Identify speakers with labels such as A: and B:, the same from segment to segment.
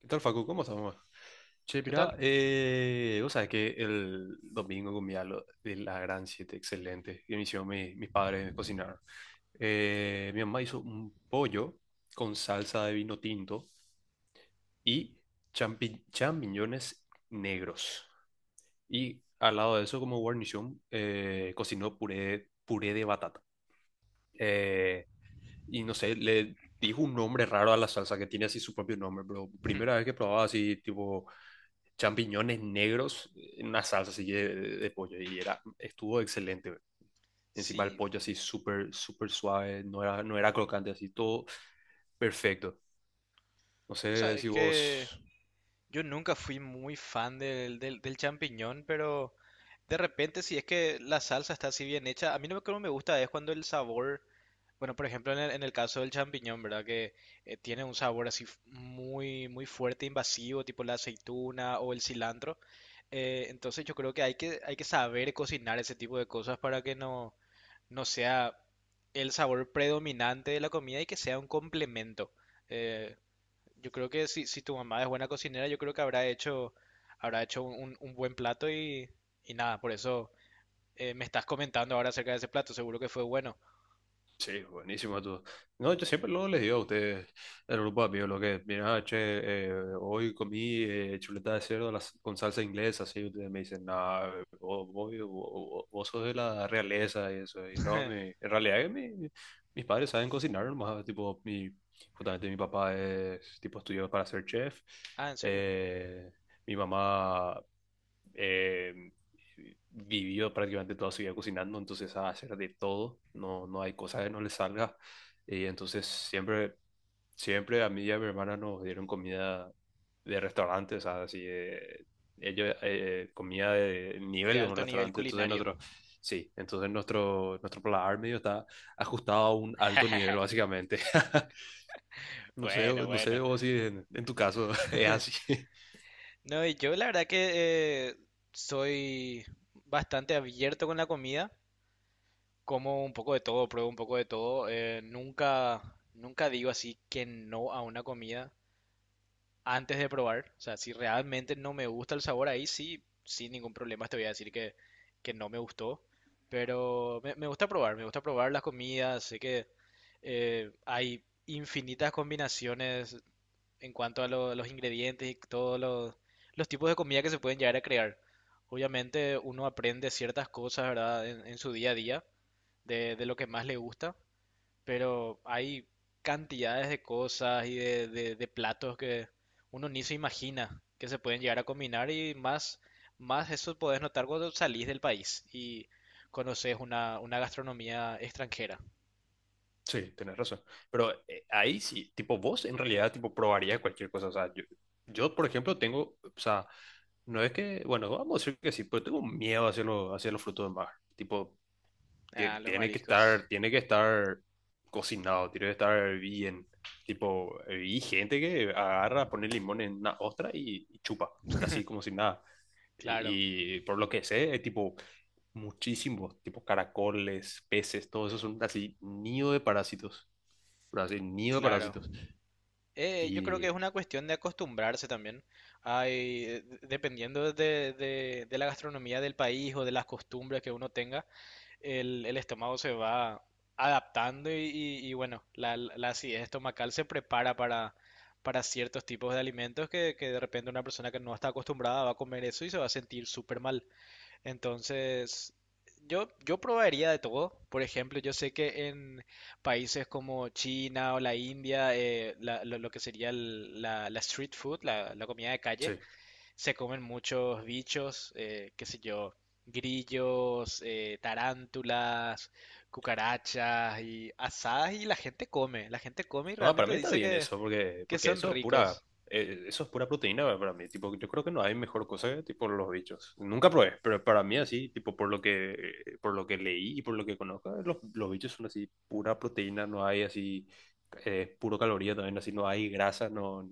A: ¿Qué tal, Facu? ¿Cómo estás, mamá? Che,
B: ¿Qué
A: mirá,
B: tal?
A: vos sabés que el domingo comí algo de la Gran 7 excelente, que me hicieron mis padres me cocinaron. Mi mamá hizo un pollo con salsa de vino tinto y champiñones negros. Y al lado de eso, como guarnición, cocinó puré de batata. Eh, y no sé, le dijo un nombre raro a la salsa que tiene así su propio nombre, pero
B: Hmm,
A: primera vez que probaba así tipo champiñones negros en una salsa así de pollo y era, estuvo excelente, bro. Encima el
B: sí,
A: pollo así súper, súper suave, no era crocante, así todo perfecto. No
B: o sea,
A: sé
B: es
A: si vos.
B: que yo nunca fui muy fan del champiñón, pero de repente, si es que la salsa está así bien hecha, a mí lo que no me gusta es cuando el sabor, bueno, por ejemplo, en el caso del champiñón, ¿verdad? Que tiene un sabor así muy, muy fuerte, invasivo, tipo la aceituna o el cilantro. Entonces yo creo que hay que saber cocinar ese tipo de cosas para que no sea el sabor predominante de la comida y que sea un complemento. Eh, yo creo que si tu mamá es buena cocinera, yo creo que habrá hecho un buen plato y, nada, por eso me estás comentando ahora acerca de ese plato, seguro que fue bueno.
A: Sí, buenísimo todo. No, yo siempre luego les digo a ustedes, el grupo de amigos, lo que, mira, che, hoy comí chuleta de cerdo a con salsa inglesa, así ustedes me dicen, no, vos sos de la realeza y eso, y no, en realidad que mis padres saben cocinar nomás, tipo, justamente mi papá es, tipo, estudió para ser chef,
B: Ah, ¿en serio?
A: eh, mi mamá eh, vivió prácticamente toda su vida cocinando, entonces sabe hacer de todo, no, no hay cosa que no le salga. Y entonces siempre a mí y a mi hermana nos dieron comida de restaurantes, o sea, ellos comida de
B: De
A: nivel de un
B: alto nivel
A: restaurante, entonces
B: culinario.
A: nosotros, sí, entonces nuestro paladar medio está ajustado a un alto nivel, básicamente.
B: Bueno,
A: No sé
B: bueno.
A: vos si en tu caso es así.
B: No, y yo la verdad que soy bastante abierto con la comida, como un poco de todo, pruebo un poco de todo, nunca digo así que no a una comida antes de probar. O sea, si realmente no me gusta el sabor, ahí sí, sin ningún problema te voy a decir que no me gustó. Pero me gusta probar las comidas. Sé que hay infinitas combinaciones en cuanto a los ingredientes y todos los tipos de comida que se pueden llegar a crear. Obviamente uno aprende ciertas cosas, ¿verdad? En su día a día de lo que más le gusta, pero hay cantidades de cosas y de platos que uno ni se imagina que se pueden llegar a combinar y más eso podés notar cuando salís del país y conoces una gastronomía extranjera.
A: Sí, tienes razón. Pero ahí sí, tipo, vos en realidad, tipo, probarías cualquier cosa. O sea, yo, por ejemplo, tengo, o sea, no es que, bueno, vamos a decir que sí, pero tengo miedo hacia, hacia los frutos del mar. Tipo,
B: Ah, los mariscos.
A: tiene que estar cocinado, tiene que estar bien. Tipo, y gente que agarra, pone limón en una ostra y chupa, así como si nada.
B: Claro,
A: Y por lo que sé, tipo, muchísimos, tipo caracoles, peces, todo eso son así nido de parásitos. Pero así, nido de
B: claro.
A: parásitos.
B: Yo creo que es
A: Y
B: una cuestión de acostumbrarse también. Hay, dependiendo de, de la gastronomía del país o de las costumbres que uno tenga, el estómago se va adaptando y, y bueno, la acidez estomacal se prepara para, ciertos tipos de alimentos que, de repente una persona que no está acostumbrada va a comer eso y se va a sentir súper mal. Entonces, yo probaría de todo. Por ejemplo, yo sé que en países como China o la India, lo que sería la street food, la comida de calle,
A: sí,
B: se comen muchos bichos, qué sé yo, grillos, tarántulas, cucarachas y asadas y la gente come y
A: no, para
B: realmente
A: mí está
B: dice
A: bien
B: que,
A: eso, porque
B: son
A: eso es
B: ricos
A: eso es pura proteína para mí. Tipo, yo creo que no hay mejor cosa que tipo los bichos. Nunca probé, pero para mí así, tipo por lo que leí y por lo que conozco, los bichos son así pura proteína, no hay así puro caloría también, así no hay grasa, no,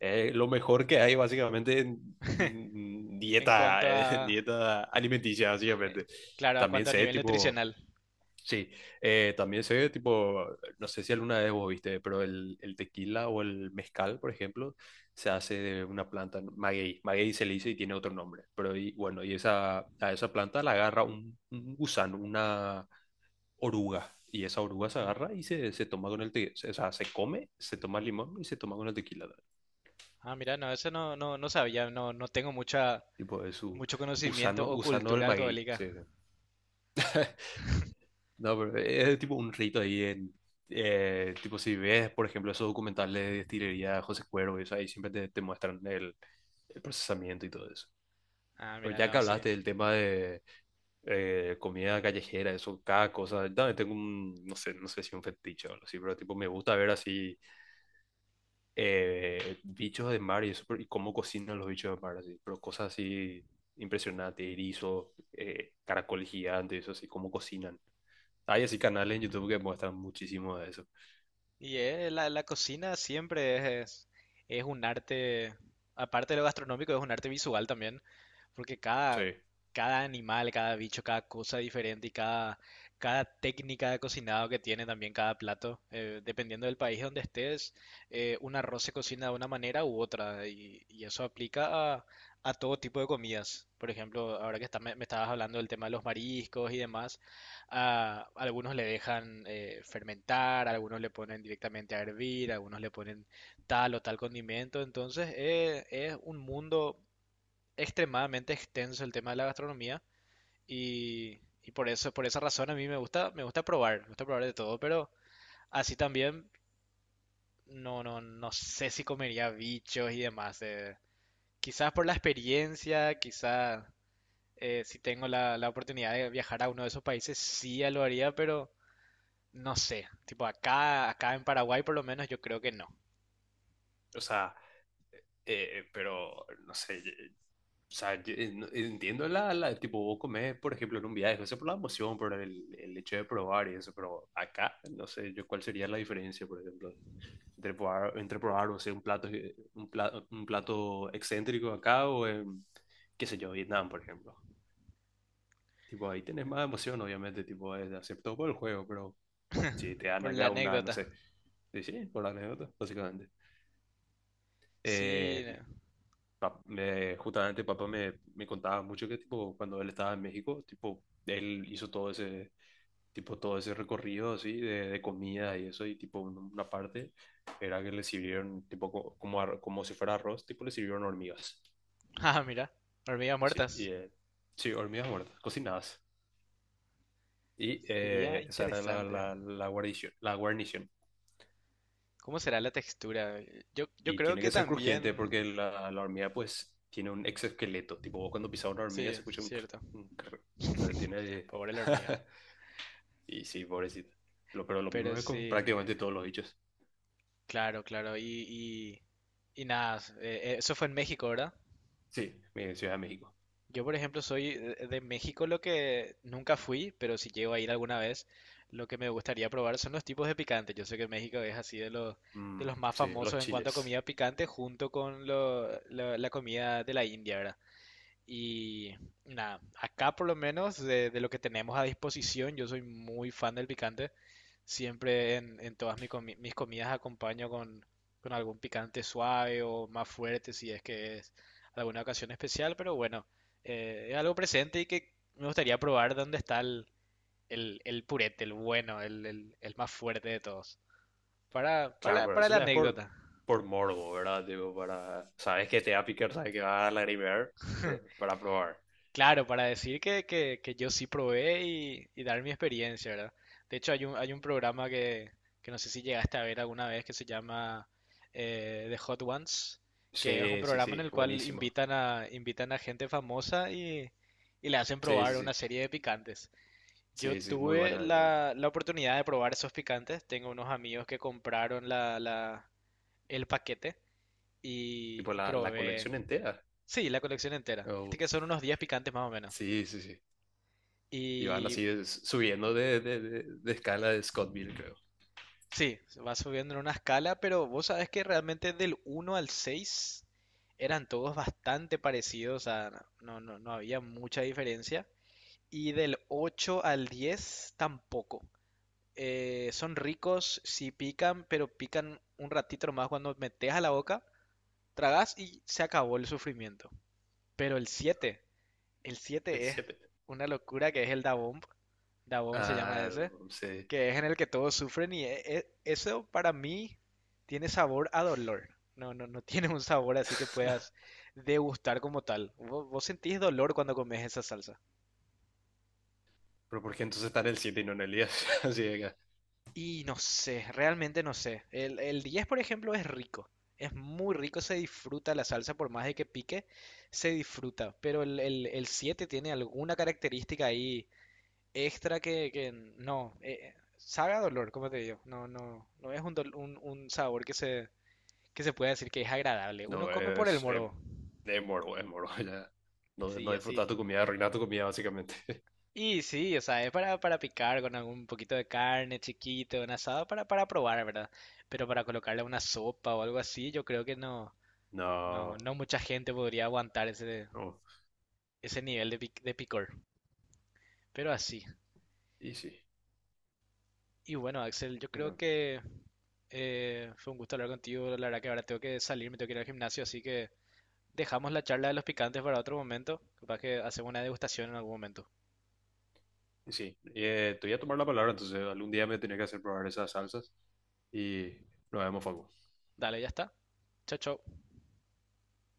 A: lo mejor que hay básicamente en
B: en
A: dieta,
B: cuanto a,
A: dieta alimenticia,
B: eh,
A: básicamente.
B: claro, a
A: También
B: cuanto a
A: sé,
B: nivel
A: tipo,
B: nutricional.
A: sí, también sé, tipo, no sé si alguna vez vos viste, pero el tequila o el mezcal, por ejemplo, se hace de una planta, ¿no? Maguey, maguey se le dice y tiene otro nombre, pero y, bueno, y esa, a esa planta la agarra un gusano, una oruga. Y esa oruga se
B: Sí.
A: agarra y se toma con el tequila, o sea, se come, se toma el limón y se toma con el tequila.
B: Ah, mira, no, eso no, no, no sabía, no, no tengo
A: Tipo de su
B: mucho conocimiento
A: Usano,
B: o
A: Usano el
B: cultura
A: Maguey.
B: alcohólica.
A: Sí, sí. No, pero es tipo un rito ahí en. Tipo, si ves, por ejemplo, esos documentales de destilería de José Cuervo, y eso, ahí siempre te muestran el procesamiento y todo eso.
B: Ah,
A: Pero
B: mira,
A: ya que
B: no, sí.
A: hablaste del tema de comida callejera, eso, cada cosa, yo también tengo un, no sé, si un fetiche o algo así, pero tipo, me gusta ver así bichos de mar y eso, y cómo cocinan los bichos de mar, así, pero cosas así impresionantes, erizos, caracoles gigantes, eso así, cómo cocinan. Hay así canales en YouTube que muestran muchísimo de eso.
B: Y la cocina siempre es un arte, aparte de lo gastronómico, es un arte visual también, porque
A: Sí.
B: cada animal, cada bicho, cada cosa diferente y cada técnica de cocinado que tiene también cada plato, dependiendo del país donde estés, un arroz se cocina de una manera u otra, y, eso aplica a, todo tipo de comidas. Por ejemplo, ahora que me estabas hablando del tema de los mariscos y demás, algunos le dejan fermentar, algunos le ponen directamente a hervir, algunos le ponen tal o tal condimento. Entonces es un mundo extremadamente extenso el tema de la gastronomía y, por eso, por esa razón a mí me gusta probar de todo, pero así también no, no, no sé si comería bichos y demás. Quizás por la experiencia, quizás si tengo la oportunidad de viajar a uno de esos países, sí ya lo haría, pero no sé, tipo acá, acá en Paraguay por lo menos yo creo que no,
A: O sea, pero, no sé, o sea, entiendo tipo, vos comés, por ejemplo, en un viaje, eso por la emoción, por el hecho de probar y eso, pero acá, no sé, yo cuál sería la diferencia, por ejemplo, entre probar, no sé, un plato excéntrico acá o en, qué sé yo, Vietnam, por ejemplo. Tipo, ahí tenés más emoción, obviamente, tipo, es hacer todo por el juego, pero si te dan
B: por la
A: acá una, no
B: anécdota.
A: sé, sí, sí, por la anécdota, básicamente.
B: Sí,
A: Eh,
B: no.
A: justamente papá me contaba mucho que tipo cuando él estaba en México, tipo él hizo todo ese tipo todo ese recorrido así de comida y eso y tipo una parte era que le sirvieron tipo como como si fuera arroz, tipo le sirvieron hormigas.
B: Ah, mira, hormigas
A: Y sí,
B: muertas.
A: sí, hormigas muertas, cocinadas. Y
B: Sería
A: esa era
B: interesante.
A: la guarnición,
B: ¿Cómo será la textura? Yo
A: Y
B: creo
A: tiene
B: que
A: que ser crujiente
B: también,
A: porque la hormiga pues tiene un exoesqueleto. Tipo, vos cuando pisas una hormiga
B: sí,
A: se escucha un, cr-
B: cierto.
A: un cr-. Entonces tiene...
B: Pobre la hormiga.
A: Y sí, pobrecita. Pero lo mismo
B: Pero
A: es con
B: sí,
A: prácticamente todos los bichos.
B: claro, claro. Y, y nada, eso fue en México, ¿verdad?
A: Sí, mi Ciudad de México.
B: Yo, por ejemplo, soy de México, lo que nunca fui, pero si llego a ir alguna vez, lo que me gustaría probar son los tipos de picante. Yo sé que México es así de los,
A: Mm,
B: más
A: sí, los
B: famosos en cuanto a
A: chiles.
B: comida picante, junto con la comida de la India, ¿verdad? Y nada, acá por lo menos de lo que tenemos a disposición, yo soy muy fan del picante. Siempre en todas mis comidas acompaño con algún picante suave o más fuerte si es que es alguna ocasión especial, pero bueno, es algo presente y que me gustaría probar dónde está el purete, el bueno, el más fuerte de todos,
A: Claro, pero
B: para
A: eso
B: la
A: ya es
B: anécdota.
A: por morbo, ¿verdad? Tipo, para... Sabes que te va a picar, sabes que va a lagrimear, pero para probar.
B: Claro, para decir que, que yo sí probé y, dar mi experiencia, ¿verdad? De hecho, hay un, programa que, no sé si llegaste a ver alguna vez que se llama The Hot Ones, que es un
A: Sí, sí,
B: programa en
A: sí,
B: el cual
A: buenísimo.
B: invitan a gente famosa y, le hacen
A: Sí, sí,
B: probar una
A: sí.
B: serie de picantes. Yo
A: Sí, sí, muy
B: tuve
A: bueno, muy bueno.
B: la oportunidad de probar esos picantes. Tengo unos amigos que compraron el paquete y,
A: Tipo la
B: probé.
A: colección entera.
B: Sí, la colección entera. Este
A: Oh,
B: que son unos 10 picantes más o menos.
A: sí, sí, sí. Y van
B: Y
A: así subiendo de escala de Scottville, creo.
B: sí, va subiendo en una escala, pero vos sabés que realmente del uno al 6 eran todos bastante parecidos, o sea, no, no, no había mucha diferencia. Y del 8 al 10 tampoco. Son ricos, sí pican, pero pican un ratito más cuando metes a la boca, tragas y se acabó el sufrimiento. Pero el 7 El
A: El
B: siete es
A: siete.
B: una locura que es el Da Bomb. Da Bomb se llama
A: Ah,
B: ese.
A: no sé.
B: Que es en el que todos sufren y eso para mí tiene sabor a dolor. No, no, no tiene un sabor así que puedas degustar como tal. Vos, sentís dolor cuando comes esa salsa.
A: Pero ¿por qué entonces está en el siete y no en el 10? Así de que,
B: Y no sé, realmente no sé. El 10, por ejemplo, es rico. Es muy rico, se disfruta la salsa, por más de que pique, se disfruta. Pero el 7 tiene alguna característica ahí extra que, no, sabe a dolor, como te digo, no, no, no es un sabor que se, puede decir que es agradable, uno
A: no,
B: come por el morbo,
A: es moro, es moro, ya. No, no
B: sí, así.
A: disfrutas tu comida, arruinas tu comida, básicamente.
B: Y sí, o sea, es para picar con algún poquito de carne chiquito, un asado, para probar, ¿verdad? Pero para colocarle a una sopa o algo así, yo creo que no, no,
A: No,
B: no mucha gente podría aguantar
A: no.
B: ese nivel de picor. Pero así.
A: Y sí.
B: Y bueno, Axel, yo creo
A: No.
B: que fue un gusto hablar contigo. La verdad que ahora tengo que salir, me tengo que ir al gimnasio, así que dejamos la charla de los picantes para otro momento. Capaz que hacemos una degustación en algún momento.
A: Sí, te voy a tomar la palabra, entonces algún día me tenía que hacer probar esas salsas y lo vemos, Facu.
B: Dale, ya está. Chao, chao.